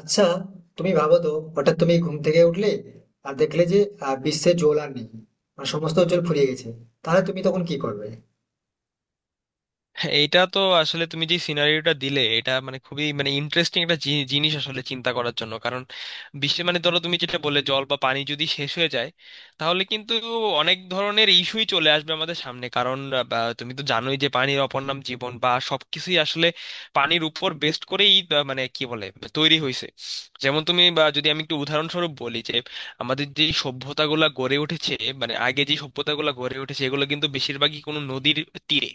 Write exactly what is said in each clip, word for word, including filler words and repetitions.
আচ্ছা, তুমি ভাবো তো, হঠাৎ তুমি ঘুম থেকে উঠলে আর দেখলে যে আহ, বিশ্বে জল আর নেই। মানে সমস্ত জল ফুরিয়ে গেছে। তাহলে তুমি তখন কি করবে? হ্যাঁ, এইটা তো আসলে তুমি যে সিনারিওটা দিলে এটা মানে খুবই মানে ইন্টারেস্টিং একটা জি- জিনিস আসলে চিন্তা করার জন্য। কারণ বিশ্বে মানে ধরো তুমি যেটা বললে জল বা পানি যদি শেষ হয়ে যায় তাহলে কিন্তু অনেক ধরনের ইস্যুই চলে আসবে আমাদের সামনে। কারণ আহ, বা তুমি তো জানোই যে পানির অপর নাম জীবন, বা সবকিছুই আসলে পানির উপর বেস্ট করেই আহ, মানে কি বলে তৈরি হয়েছে। যেমন তুমি বা যদি আমি একটু উদাহরণস্বরূপ বলি যে আমাদের যে সভ্যতাগুলা গড়ে উঠেছে, মানে আগে যে সভ্যতাগুলা গড়ে উঠেছে এগুলো কিন্তু বেশিরভাগই কোনো নদীর তীরে।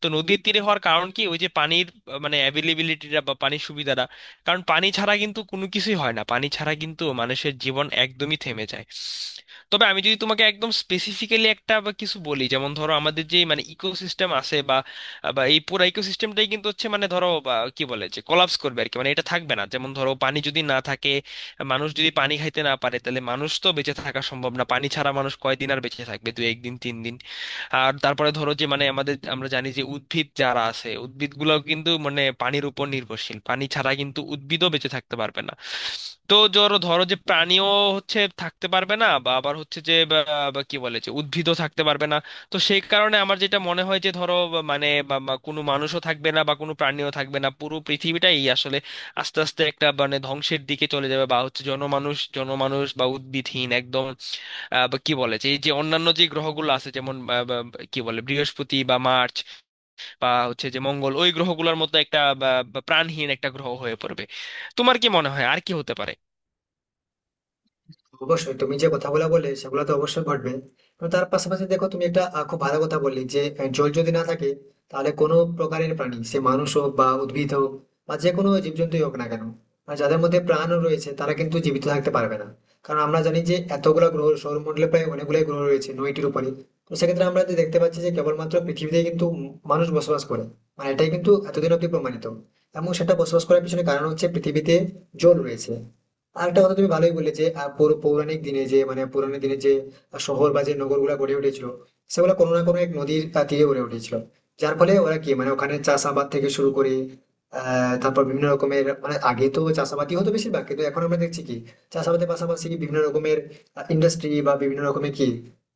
তো নদীর তীরে হওয়ার কারণ কি, ওই যে পানির আহ, মানে অ্যাভেলেবিলিটিটা বা পানির সুবিধাটা। কারণ পানি ছাড়া কিন্তু কোনো কিছুই হয় না, পানি ছাড়া কিন্তু মানুষের জীবন একদমই থেমে যায়। তবে আমি যদি তোমাকে একদম স্পেসিফিক্যালি একটা বা কিছু বলি, যেমন ধরো আমাদের যে মানে ইকোসিস্টেম আছে বা বা এই পুরো ইকোসিস্টেমটাই কিন্তু হচ্ছে মানে ধরো বা কি বলে যে কোলাপস করবে আর কি, মানে এটা থাকবে না। যেমন ধরো পানি যদি না থাকে, মানুষ যদি পানি খাইতে না পারে তাহলে মানুষ তো বেঁচে থাকা সম্ভব না। পানি ছাড়া মানুষ কয়দিন আর বেঁচে থাকবে, দু একদিন তিন দিন। আর তারপরে ধরো যে মানে আমাদের আমরা জানি যে উদ্ভিদ যারা আছে উদ্ভিদগুলোও কিন্তু মানে পানির উপর নির্ভরশীল, পানি ছাড়া কিন্তু উদ্ভিদও বেঁচে থাকতে পারবে না। তো ধরো ধরো যে প্রাণীও হচ্ছে থাকতে পারবে না, বা আবার হচ্ছে যে বা বা কি বলে যে উদ্ভিদও থাকতে পারবে না। তো সেই কারণে আমার যেটা মনে হয় যে ধরো বা মানে বা বা কোনো মানুষও থাকবে না বা কোনো প্রাণীও থাকবে না, পুরো পৃথিবীটাই আসলে আস্তে আস্তে একটা মানে ধ্বংসের দিকে চলে যাবে, বা হচ্ছে জনমানুষ জনমানুষ বা উদ্ভিদহীন একদম আহ, বা কি বলে যে এই যে অন্যান্য যে গ্রহগুলো আছে, যেমন আহ, বা- বা কি বলে বৃহস্পতি বা মার্চ বা হচ্ছে যে মঙ্গল ওই গ্রহগুলোর মতো একটা বা- বা প্রাণহীন একটা গ্রহ হয়ে পড়বে। তোমার কি মনে হয় আর কি হতে পারে? অবশ্যই তুমি যে কথাগুলো বললে সেগুলো তো অবশ্যই ঘটবে। তো তার পাশাপাশি দেখো, তুমি একটা আহ, খুব ভালো কথা বললে যে আহ, জল যদি না থাকে, তাহলে কোনো প্রকারের প্রাণী, সে মানুষ হোক বা উদ্ভিদ হোক বা যে কোনো জীবজন্তুই হোক না কেন, আর যাদের মধ্যে প্রাণ রয়েছে তারা কিন্তু জীবিত থাকতে পারবে না। কারণ আমরা জানি যে এতগুলো গ্রহ সৌরমণ্ডলে, প্রায় অনেকগুলো গ্রহ রয়েছে নয়টির উপরে। তো সেক্ষেত্রে আমরা যে দেখতে পাচ্ছি যে কেবলমাত্র পৃথিবীতে কিন্তু উম মানুষ বসবাস করে। মানে এটাই কিন্তু এতদিন অব্দি প্রমাণিত। এবং সেটা বসবাস করার পিছনে কারণ হচ্ছে পৃথিবীতে জল রয়েছে। আরেকটা কথা তুমি ভালোই বললে যে আহ, পৌর- পৌরাণিক দিনে যে, মানে পুরানো দিনে যে শহর বা যে নগরগুলো গড়ে উঠেছিল, সেগুলো কোনো না কোনো এক নদীর আহ, তীরে গড়ে উঠেছিল। যার ফলে ওরা কি, মানে ওখানে চাষাবাদ থেকে শুরু করে আহ তারপর বিভিন্ন রকমের, মানে আগে তো চাষাবাদই হতো বেশিরভাগ, কিন্তু এখন আমরা দেখছি কি, চাষাবাদের পাশাপাশি বিভিন্ন রকমের ইন্ডাস্ট্রি বা বিভিন্ন রকমের কি,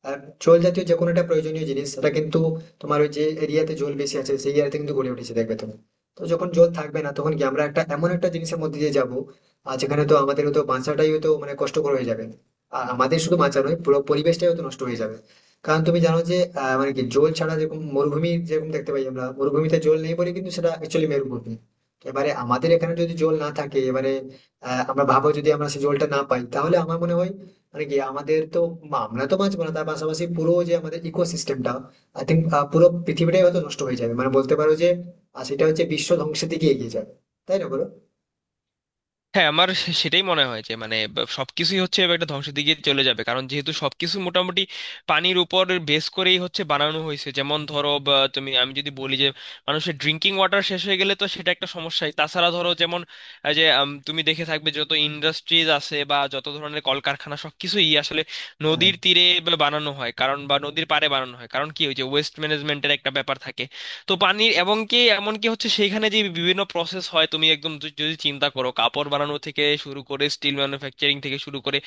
আহ, জল জাতীয় যে কোনো একটা প্রয়োজনীয় জিনিস সেটা কিন্তু তোমার ওই যে এরিয়াতে জল বেশি আছে সেই এরিয়াতে কিন্তু গড়ে উঠেছে, দেখবে তুমি। তো যখন জল থাকবে না তখন কি আমরা একটা এমন একটা জিনিসের মধ্যে দিয়ে যাবো, আর যেখানে তো আমাদের হয়তো বাঁচাটাই হয়তো মানে কষ্টকর হয়ে যাবে। আর আমাদের শুধু বাঁচা নয়, পুরো পরিবেশটাই হয়তো নষ্ট হয়ে যাবে। কারণ তুমি জানো যে আহ, মানে কি, জল ছাড়া যেরকম মরুভূমি যেরকম দেখতে পাই আমরা, মরুভূমিতে জল নেই বলে কিন্তু সেটা অ্যাকচুয়ালি মরুভূমি। তো এবারে আমাদের এখানে যদি জল না থাকে এবারে, আহ, আমরা ভাবো যদি আমরা সেই জলটা না পাই, তাহলে আমার মনে হয় মানে কি আমাদের তো, আমরা তো বাঁচবো না। তার পাশাপাশি পুরো যে আমাদের ইকোসিস্টেমটা, আই থিঙ্ক পুরো পৃথিবীটাই হয়তো নষ্ট হয়ে যাবে, মানে বলতে পারো যে, আর সেটা হচ্ছে বিশ্ব ধ্বংসের দিকে এগিয়ে যাবে। তাই না, বলো? হ্যাঁ আমার সে- সেটাই মনে হয় যে মানে ব- সবকিছুই হচ্ছে এবার একটা ধ্বংসের দিকে চলে যাবে, কারণ যেহেতু সবকিছু মোটামুটি পানির উপর বেস করেই হচ্ছে বানানো হয়েছে। যেমন ধরো বা তুমি আমি যদি বলি যে মানুষের ড্রিঙ্কিং ওয়াটার শেষ হয়ে গেলে তো সেটা একটা সমস্যাই। তাছাড়া ধরো যেমন এই যে আম, তুমি দেখে থাকবে যত ইন্ডাস্ট্রিজ আছে বা যত ধরনের কলকারখানা সবকিছুই আসলে হ্যাঁ, নদীর তীরে বা বানানো হয়, কারণ বা নদীর পাড়ে বানানো হয় কারণ কি ওই যে ওয়েস্ট ম্যানেজমেন্টের একটা ব্যাপার থাকে। তো পানির, এবং কি এমনকি হচ্ছে সেইখানে যে বিভিন্ন প্রসেস হয়, তুমি একদম যদি যদি চিন্তা করো কাপড় বানানো থেকে শুরু করে স্টিল ম্যানুফ্যাকচারিং থেকে শুরু করে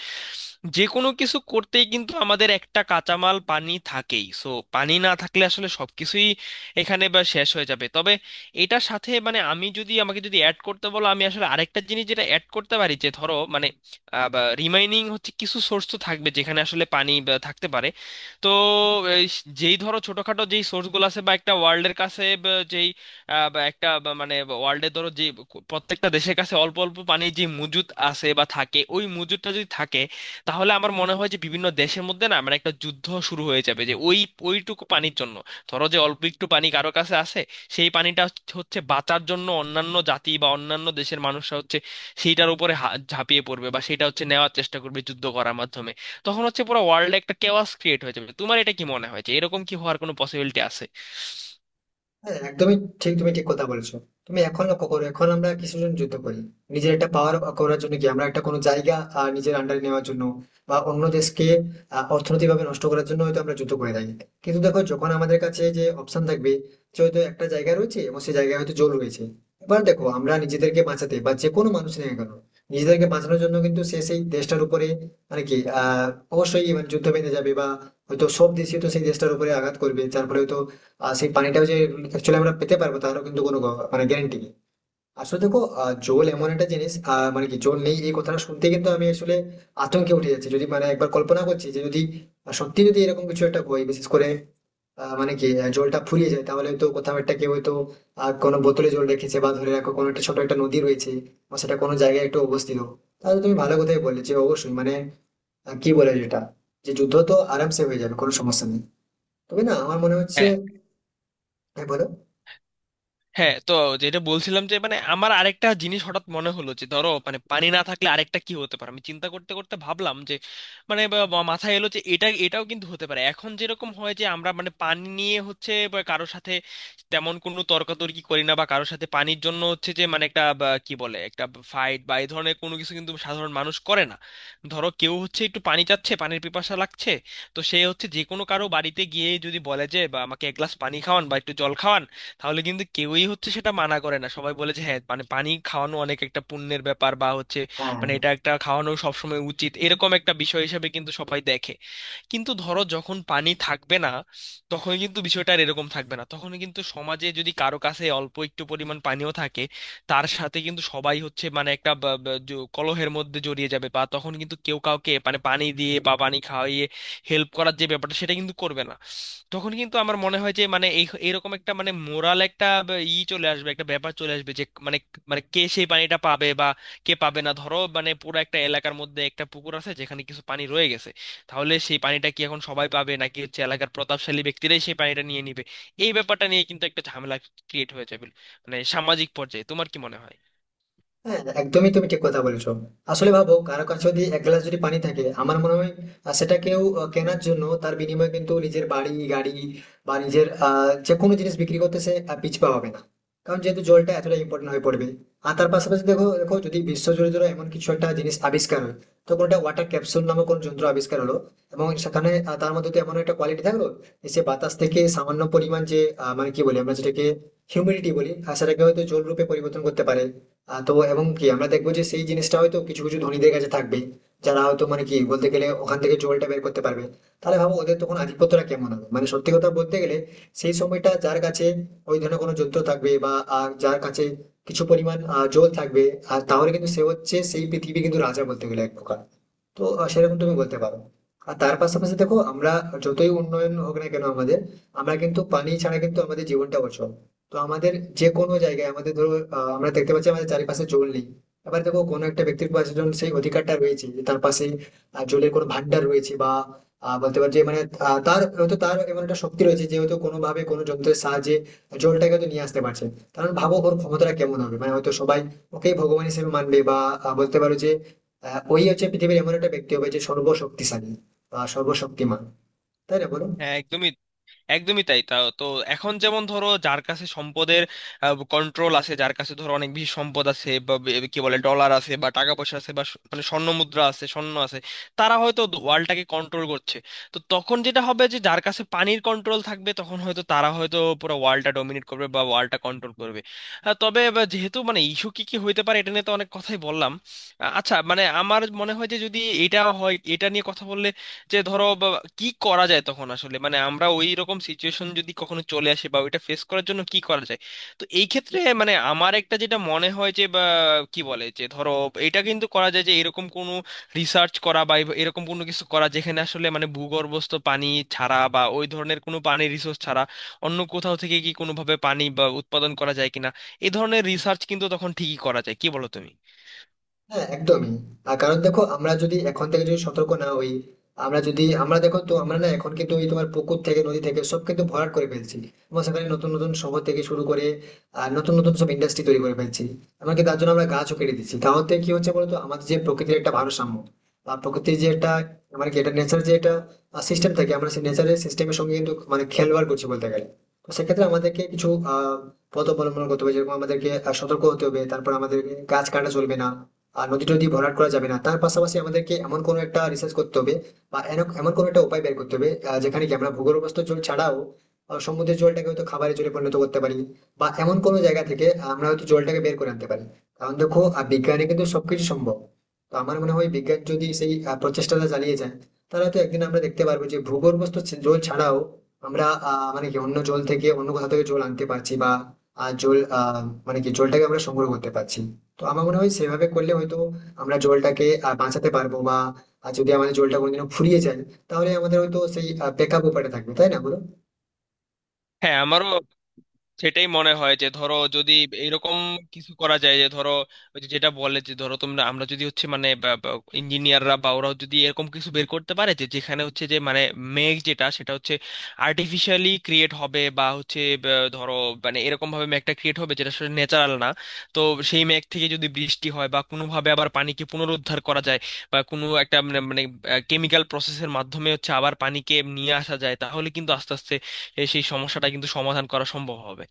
যে কোনো কিছু করতেই কিন্তু আমাদের একটা কাঁচামাল পানি থাকেই। সো পানি না থাকলে আসলে সবকিছুই এখানে বা শেষ হয়ে যাবে। তবে এটার সাথে মানে আমি যদি আমাকে যদি অ্যাড করতে বলো আমি আসলে আরেকটা জিনিস যেটা অ্যাড করতে পারি যে ধরো মানে রিমাইনিং হচ্ছে কিছু সোর্স তো থাকবে যেখানে আসলে পানি বা থাকতে পারে। তো এই স- যেই ধরো ছোটখাটো যেই সোর্সগুলো আছে বা একটা ওয়ার্ল্ডের কাছে বা যেই আহ, বা একটা বা মানে ওয়ার্ল্ডের ধরো যে প্রত্যেকটা দেশের কাছে অল্প অল্প পানি যে মজুদ আছে বা থাকে, ওই মজুদটা যদি থাকে তাহলে আমার মনে হয় যে বিভিন্ন দেশের মধ্যে না মানে একটা যুদ্ধ শুরু হয়ে যাবে যে ওই ওইটুকু পানির জন্য। ধরো যে অল্প একটু পানি কারো কাছে আছে, সেই পানিটা হচ্ছে হচ্ছে বাঁচার জন্য অন্যান্য জাতি বা অন্যান্য দেশের মানুষরা হচ্ছে সেইটার উপরে হা- ঝাঁপিয়ে পড়বে বা সেটা হচ্ছে নেওয়ার চেষ্টা করবে যুদ্ধ করার মাধ্যমে। তখন হচ্ছে পুরো ওয়ার্ল্ডে একটা কেওয়াস ক্রিয়েট হয়ে যাবে। তোমার এটা কি মনে হয় যে এরকম কি হওয়ার কোনো পসিবিলিটি আছে? হ্যাঁ, একদমই ঠিক। তুমি ঠিক কথা বলেছো। তুমি এখন লক্ষ্য করো, এখন আমরা কিছুর জন্য যুদ্ধ করি। নিজের একটা পাওয়ার করার জন্য কি আমরা একটা কোনো জায়গা আহ, নিজের আন্ডারে নেওয়ার জন্য বা অন্য দেশকে আহ, অর্থনৈতিকভাবে নষ্ট করার জন্য হয়তো আমরা যুদ্ধ করে থাকি। কিন্তু দেখো, যখন আমাদের কাছে যে অপশন থাকবে যে হয়তো একটা জায়গা রয়েছে এবং সেই জায়গায় হয়তো জল রয়েছে, এবার দেখো আমরা নিজেদেরকে বাঁচাতে বা যে কোনো মানুষ নেই কেন, নিজেদেরকে বাঁচানোর জন্য কিন্তু সে সেই দেশটার উপরে মানে কি, আহ অবশ্যই মানে যুদ্ধ বেঁধে যাবে, বা হয়তো সব দেশই তো সেই দেশটার উপরে আঘাত করবে যার ফলে হয়তো আর সেই পানিটাও যে অ্যাকচুয়ালি আমরা পেতে পারবো, তারও কিন্তু কোনো গ- মানে গ্যারান্টি নেই। আসলে দেখো, আহ, জল এমন একটা জিনিস, আহ, মানে কি জল নেই এই কথাটা শুনতে কিন্তু আমি আসলে আতঙ্কে উঠে যাচ্ছি, যদি মানে একবার কল্পনা করছি যে যদি আহ, সত্যি যদি এরকম কিছু একটা হয়, বিশেষ করে আহ, মানে কি আহ, জলটা ফুরিয়ে যায়, তাহলে তো কোথাও একটা কেউ হয়তো আহ, কোনো বোতলে জল রেখেছে, বা ধরে রাখো কোনো একটা ছোট একটা নদী রয়েছে বা সেটা কোনো জায়গায় একটু অবস্থিত। তাহলে তুমি ভালো কথাই বললে যে অবশ্যই মানে, আহ, কি বলে যেটা, যে যুদ্ধ তো আরামসে হয়ে যাবে, কোনো সমস্যা নেই। তবে না, আমার মনে হচ্ছে। হ্যাঁ। হ্যাঁ, বলো। হ্যাঁ তো যেটা বলছিলাম যে মানে আমার আরেকটা জিনিস হঠাৎ মনে হলো যে ধরো মানে পানি না থাকলে আরেকটা কি হতে পারে আমি চিন্তা করতে করতে ভাবলাম যে মানে বা- বা মাথায় এলো যে এটা এটাও কিন্তু হতে পারে এখন যেরকম হয় যে আমরা মানে পানি নিয়ে হচ্ছে বা কারোর সাথে তেমন কোনো তর্কাতর্কি করি না বা কারোর সাথে পানির জন্য হচ্ছে যে মানে একটা বা কি বলে একটা ফাইট বা এই ধরনের কোনো কিছু কিন্তু সাধারণ মানুষ করে না। ধরো কেউ হচ্ছে একটু পানি চাচ্ছে পানির পিপাসা লাগছে, তো সে হচ্ছে যে কোনো কারো বাড়িতে গিয়ে যদি বলে যে বা আমাকে এক গ্লাস পানি খাওয়ান বা একটু জল খাওয়ান, তাহলে কিন্তু কেউই হচ্ছে সেটা মানা করে না, সবাই বলে যে হ্যাঁ মানে পানি খাওয়ানো অনেক একটা পুণ্যের ব্যাপার বা হচ্ছে হ্যাঁ, মানে এটা একটা খাওয়ানো সবসময় উচিত এরকম একটা বিষয় হিসেবে কিন্তু সবাই দেখে। কিন্তু ধরো যখন পানি থাকবে না তখন কিন্তু বিষয়টা আর এরকম থাকবে না, তখন কিন্তু সমাজে যদি কারো কাছে অল্প একটু পরিমাণ পানিও থাকে তার সাথে কিন্তু সবাই হচ্ছে মানে একটা বা- বা জ- কলহের মধ্যে জড়িয়ে যাবে, বা তখন কিন্তু কেউ কাউকে মানে পানি দিয়ে বা পানি খাওয়িয়ে হেল্প করার যে ব্যাপারটা সেটা কিন্তু করবে না। তখন কিন্তু আমার মনে হয় যে মানে এই এরকম একটা মানে মোরাল একটা ব- ই চলে আসবে একটা ব্যাপার চলে আসবে যে মানে, মানে কে সেই পানিটা পাবে বা কে পাবে না। ধরো মানে পুরো একটা এলাকার মধ্যে একটা পুকুর আছে যেখানে কিছু পানি রয়ে গেছে, তাহলে সেই পানিটা কি এখন সবাই পাবে নাকি হচ্ছে এলাকার প্রতাপশালী ব্যক্তিরাই সেই পানিটা নিয়ে নিবে, এই ব্যাপারটা নিয়ে কিন্তু একটা ঝামেলা ক্রিয়েট হয়ে যাবে মানে সামাজিক পর্যায়ে। তোমার কি মনে হয়? হ্যাঁ, একদমই, তুমি ঠিক কথা বলেছো। আসলে ভাবো, কারো কাছে যদি এক গ্লাস যদি পানি থাকে, আমার মনে হয় আহ, সেটা কেউ আহ, কেনার জন্য তার বিনিময়ে কিন্তু নিজের বাড়ি গাড়ি বা নিজের আহ, যে কোনো জিনিস বিক্রি করতে সে আহ, পিছপা হবে না। কারণ যেহেতু জলটা এতটা ইম্পর্টেন্ট হয়ে পড়বে। আর তার পাশাপাশি দেখো দেখো, যদি বিশ্ব জুড়ে ধরো এমন কিছু একটা জিনিস আবিষ্কার হয়, তো কোনটা ওয়াটার ক্যাপসুল নামক কোন যন্ত্র আবিষ্কার হলো, এবং সেখানে আহ, তার মধ্যে তো এমন একটা কোয়ালিটি থাকলো যে সে বাতাস থেকে সামান্য পরিমাণ যে আহ, মানে কি বলি আমরা যেটাকে হিউমিডিটি বলি, আর সেটাকে হয়তো জল রূপে পরিবর্তন করতে পারে। আহ, তো এবং কি আমরা দেখবো যে সেই জিনিসটা হয়তো কিছু কিছু ধনীদের কাছে থাকবে, যারা হয়তো মানে কি বলতে গেলে ওখান থেকে জলটা বের করতে পারবে। তাহলে ভাবো ওদের তখন আধিপত্যটা কেমন হবে, মানে সত্যি কথা বলতে গেলে। সেই সময়টা যার কাছে ওই ধরনের কোনো যন্ত্র থাকবে বা আহ, যার কাছে কিছু পরিমাণ আহ, জল থাকবে, আর তাহলে কিন্তু সে হচ্ছে সেই পৃথিবী কিন্তু রাজা বলতে গেলে এক প্রকার। তো আহ, সেরকম তুমি বলতে পারো। আর তার পাশাপাশি দেখো, আমরা যতই উন্নয়ন হোক না কেন আমাদের, আমরা কিন্তু পানি ছাড়া কিন্তু আমাদের জীবনটা অচল। তো আমাদের যে কোনো জায়গায় আমাদের ধরো, আহ, আমরা দেখতে পাচ্ছি আমাদের চারিপাশে জল নেই। এবার দেখো কোনো একটা ব্যক্তির পাশে যখন সেই অধিকারটা রয়েছে যে তার পাশে আহ, জলের কোনো ভান্ডার রয়েছে, বা আহ, বলতে পারছি মানে, আহ, তার হয়তো তার এমন একটা শক্তি রয়েছে যে হয়তো কোনো ভাবে কোনো যন্ত্রের সাহায্যে জলটাকে হয়তো নিয়ে আসতে পারছে। কারণ ভাবো ওর ক্ষমতাটা কেমন হবে, মানে হয়তো সবাই ওকেই ভগবান হিসেবে মানবে, বা আহ, বলতে পারো যে আহ, ওই হচ্ছে পৃথিবীর এমন একটা ব্যক্তি হবে যে সর্বশক্তিশালী বা সর্বশক্তিমান। তাই না, বলো? হ্যাঁ একদমই। একদমই তাই, তা তো এখন যেমন ধরো যার কাছে সম্পদের কন্ট্রোল আছে, যার কাছে ধরো অনেক বেশি সম্পদ আছে বা বে- কি বলে ডলার আছে বা টাকা পয়সা আছে বা স- মানে স্বর্ণ মুদ্রা আছে স্বর্ণ আছে, তারা হয়তো ওয়ার্ল্ডটাকে কন্ট্রোল করছে। তো তখন যেটা হবে যে যার কাছে পানির কন্ট্রোল থাকবে তখন হয়তো তারা হয়তো পুরো ওয়ার্ল্ডটা ডমিনেট করবে বা ওয়ার্ল্ডটা কন্ট্রোল করবে। আহ, তবে বা যেহেতু মানে ইস্যু কি কি হইতে পারে এটা নিয়ে তো অনেক কথাই বললাম। আহ, আচ্ছা মানে আমার মনে হয় যে যদি এটা হয় এটা নিয়ে কথা বললে যে ধরো বা- কি করা যায় তখন আসলে মানে আমরা ওই রকম সিচুয়েশন যদি কখনো চলে আসে বা ওইটা ফেস করার জন্য কি করা যায়। তো এই ক্ষেত্রে মানে আমার একটা যেটা মনে হয় যে বা কি বলে যে ধরো এটা কিন্তু করা যায় যে এরকম কোনো রিসার্চ করা বা এব- এরকম কোনো কিছু করা যেখানে আসলে মানে ভূগর্ভস্থ পানি ছাড়া বা ওই ধরনের কোনো পানির রিসোর্স ছাড়া অন্য কোথাও থেকে কি কোনোভাবে পানি বা উৎপাদন করা যায় কিনা, এই ধরনের রিসার্চ কিন্তু তখন ঠিকই করা যায়। কি বলো তুমি? হ্যাঁ, একদমই। তার কারণ দেখো, আমরা যদি এখন থেকে যদি সতর্ক না হই, আমরা যদি আমরা দেখো তো, আমরা না এখন কিন্তু ওই তোমার পুকুর থেকে নদী থেকে সব কিন্তু ভরাট করে ফেলছি, এবং সেখানে নতুন নতুন শহর থেকে শুরু করে আর নতুন নতুন সব ইন্ডাস্ট্রি তৈরি করে ফেলছি। এমনকি তার জন্য আমরা গাছও কেটে দিচ্ছি। তাহলে কি হচ্ছে বলতো আমাদের, যে প্রকৃতির একটা ভারসাম্য বা প্রকৃতির যে একটা, মানে কি এটা নেচার যে একটা সিস্টেম থাকে, আমরা সেই নেচারের সিস্টেমের সঙ্গে কিন্তু মানে খেলবাড় করছি বলতে গেলে। তো সেক্ষেত্রে আমাদেরকে কিছু আহ পথ অবলম্বন করতে হবে, যেরকম আমাদেরকে আহ, সতর্ক হতে হবে, তারপর আমাদেরকে গাছ কাটা চলবে না, আর নদী টদী ভরাট করা যাবে না। তার পাশাপাশি আমাদেরকে এমন কোনো একটা রিসার্চ করতে হবে বা এন- এমন কোনো একটা উপায় বের করতে হবে আহ, যেখানে কি আমরা ভূগর্ভস্থ জল ছাড়াও আহ, সমুদ্রের জলটাকে হয়তো খাবারের জলে পরিণত করতে পারি, বা এমন কোনো জায়গা থেকে আমরা হয়তো জলটাকে বের করে আনতে পারি। কারণ দেখো, আহ, বিজ্ঞানে কিন্তু সবকিছু সম্ভব। তো আমার মনে হয় বিজ্ঞান যদি সেই আহ, প্রচেষ্টাটা চালিয়ে যায়, তাহলে তো একদিন আমরা দেখতে পারবো যে ভূগর্ভস্থ ছি- জল ছাড়াও আমরা আহ, মানে কি অন্য জল থেকে অন্য কোথাও থেকে জল আনতে পারছি, বা আহ, জল আহ, মানে কি জলটাকে আমরা সংগ্রহ করতে পারছি। তো আমার মনে হয় সেভাবে করলে হয়তো আমরা জলটাকে আহ, বাঁচাতে পারবো, বা আহ, যদি আমাদের জলটা কোনোদিনও ফুরিয়ে যায়, তাহলে আমাদের হয়তো সেই ব্যাকআপ উপায়টা থাকবে। তাই না, বলো? হ্যাঁ আমারও সেটাই মনে হয় যে ধরো যদি এরকম কিছু করা যায় যে ধরো ওই যে যেটা বলে যে ধরো তোমরা আমরা যদি হচ্ছে মানে ইঞ্জিনিয়াররা বা ওরা যদি এরকম কিছু বের করতে পারে যে যেখানে হচ্ছে যে মানে মেঘ যেটা সেটা হচ্ছে আর্টিফিশিয়ালি ক্রিয়েট হবে বা হচ্ছে বা ধরো মানে এরকম ভাবে মেঘটা ক্রিয়েট হবে যেটা আসলে ন্যাচারাল না। তো সেই মেঘ থেকে যদি বৃষ্টি হয় বা কোনোভাবে আবার পানিকে পুনরুদ্ধার করা যায় বা কোনো একটা মানে মানে কেমিক্যাল প্রসেসের মাধ্যমে হচ্ছে আবার পানিকে নিয়ে আসা যায় তাহলে কিন্তু আস্তে আস্তে এ সেই সমস্যাটা কিন্তু সমাধান করা সম্ভব হবে।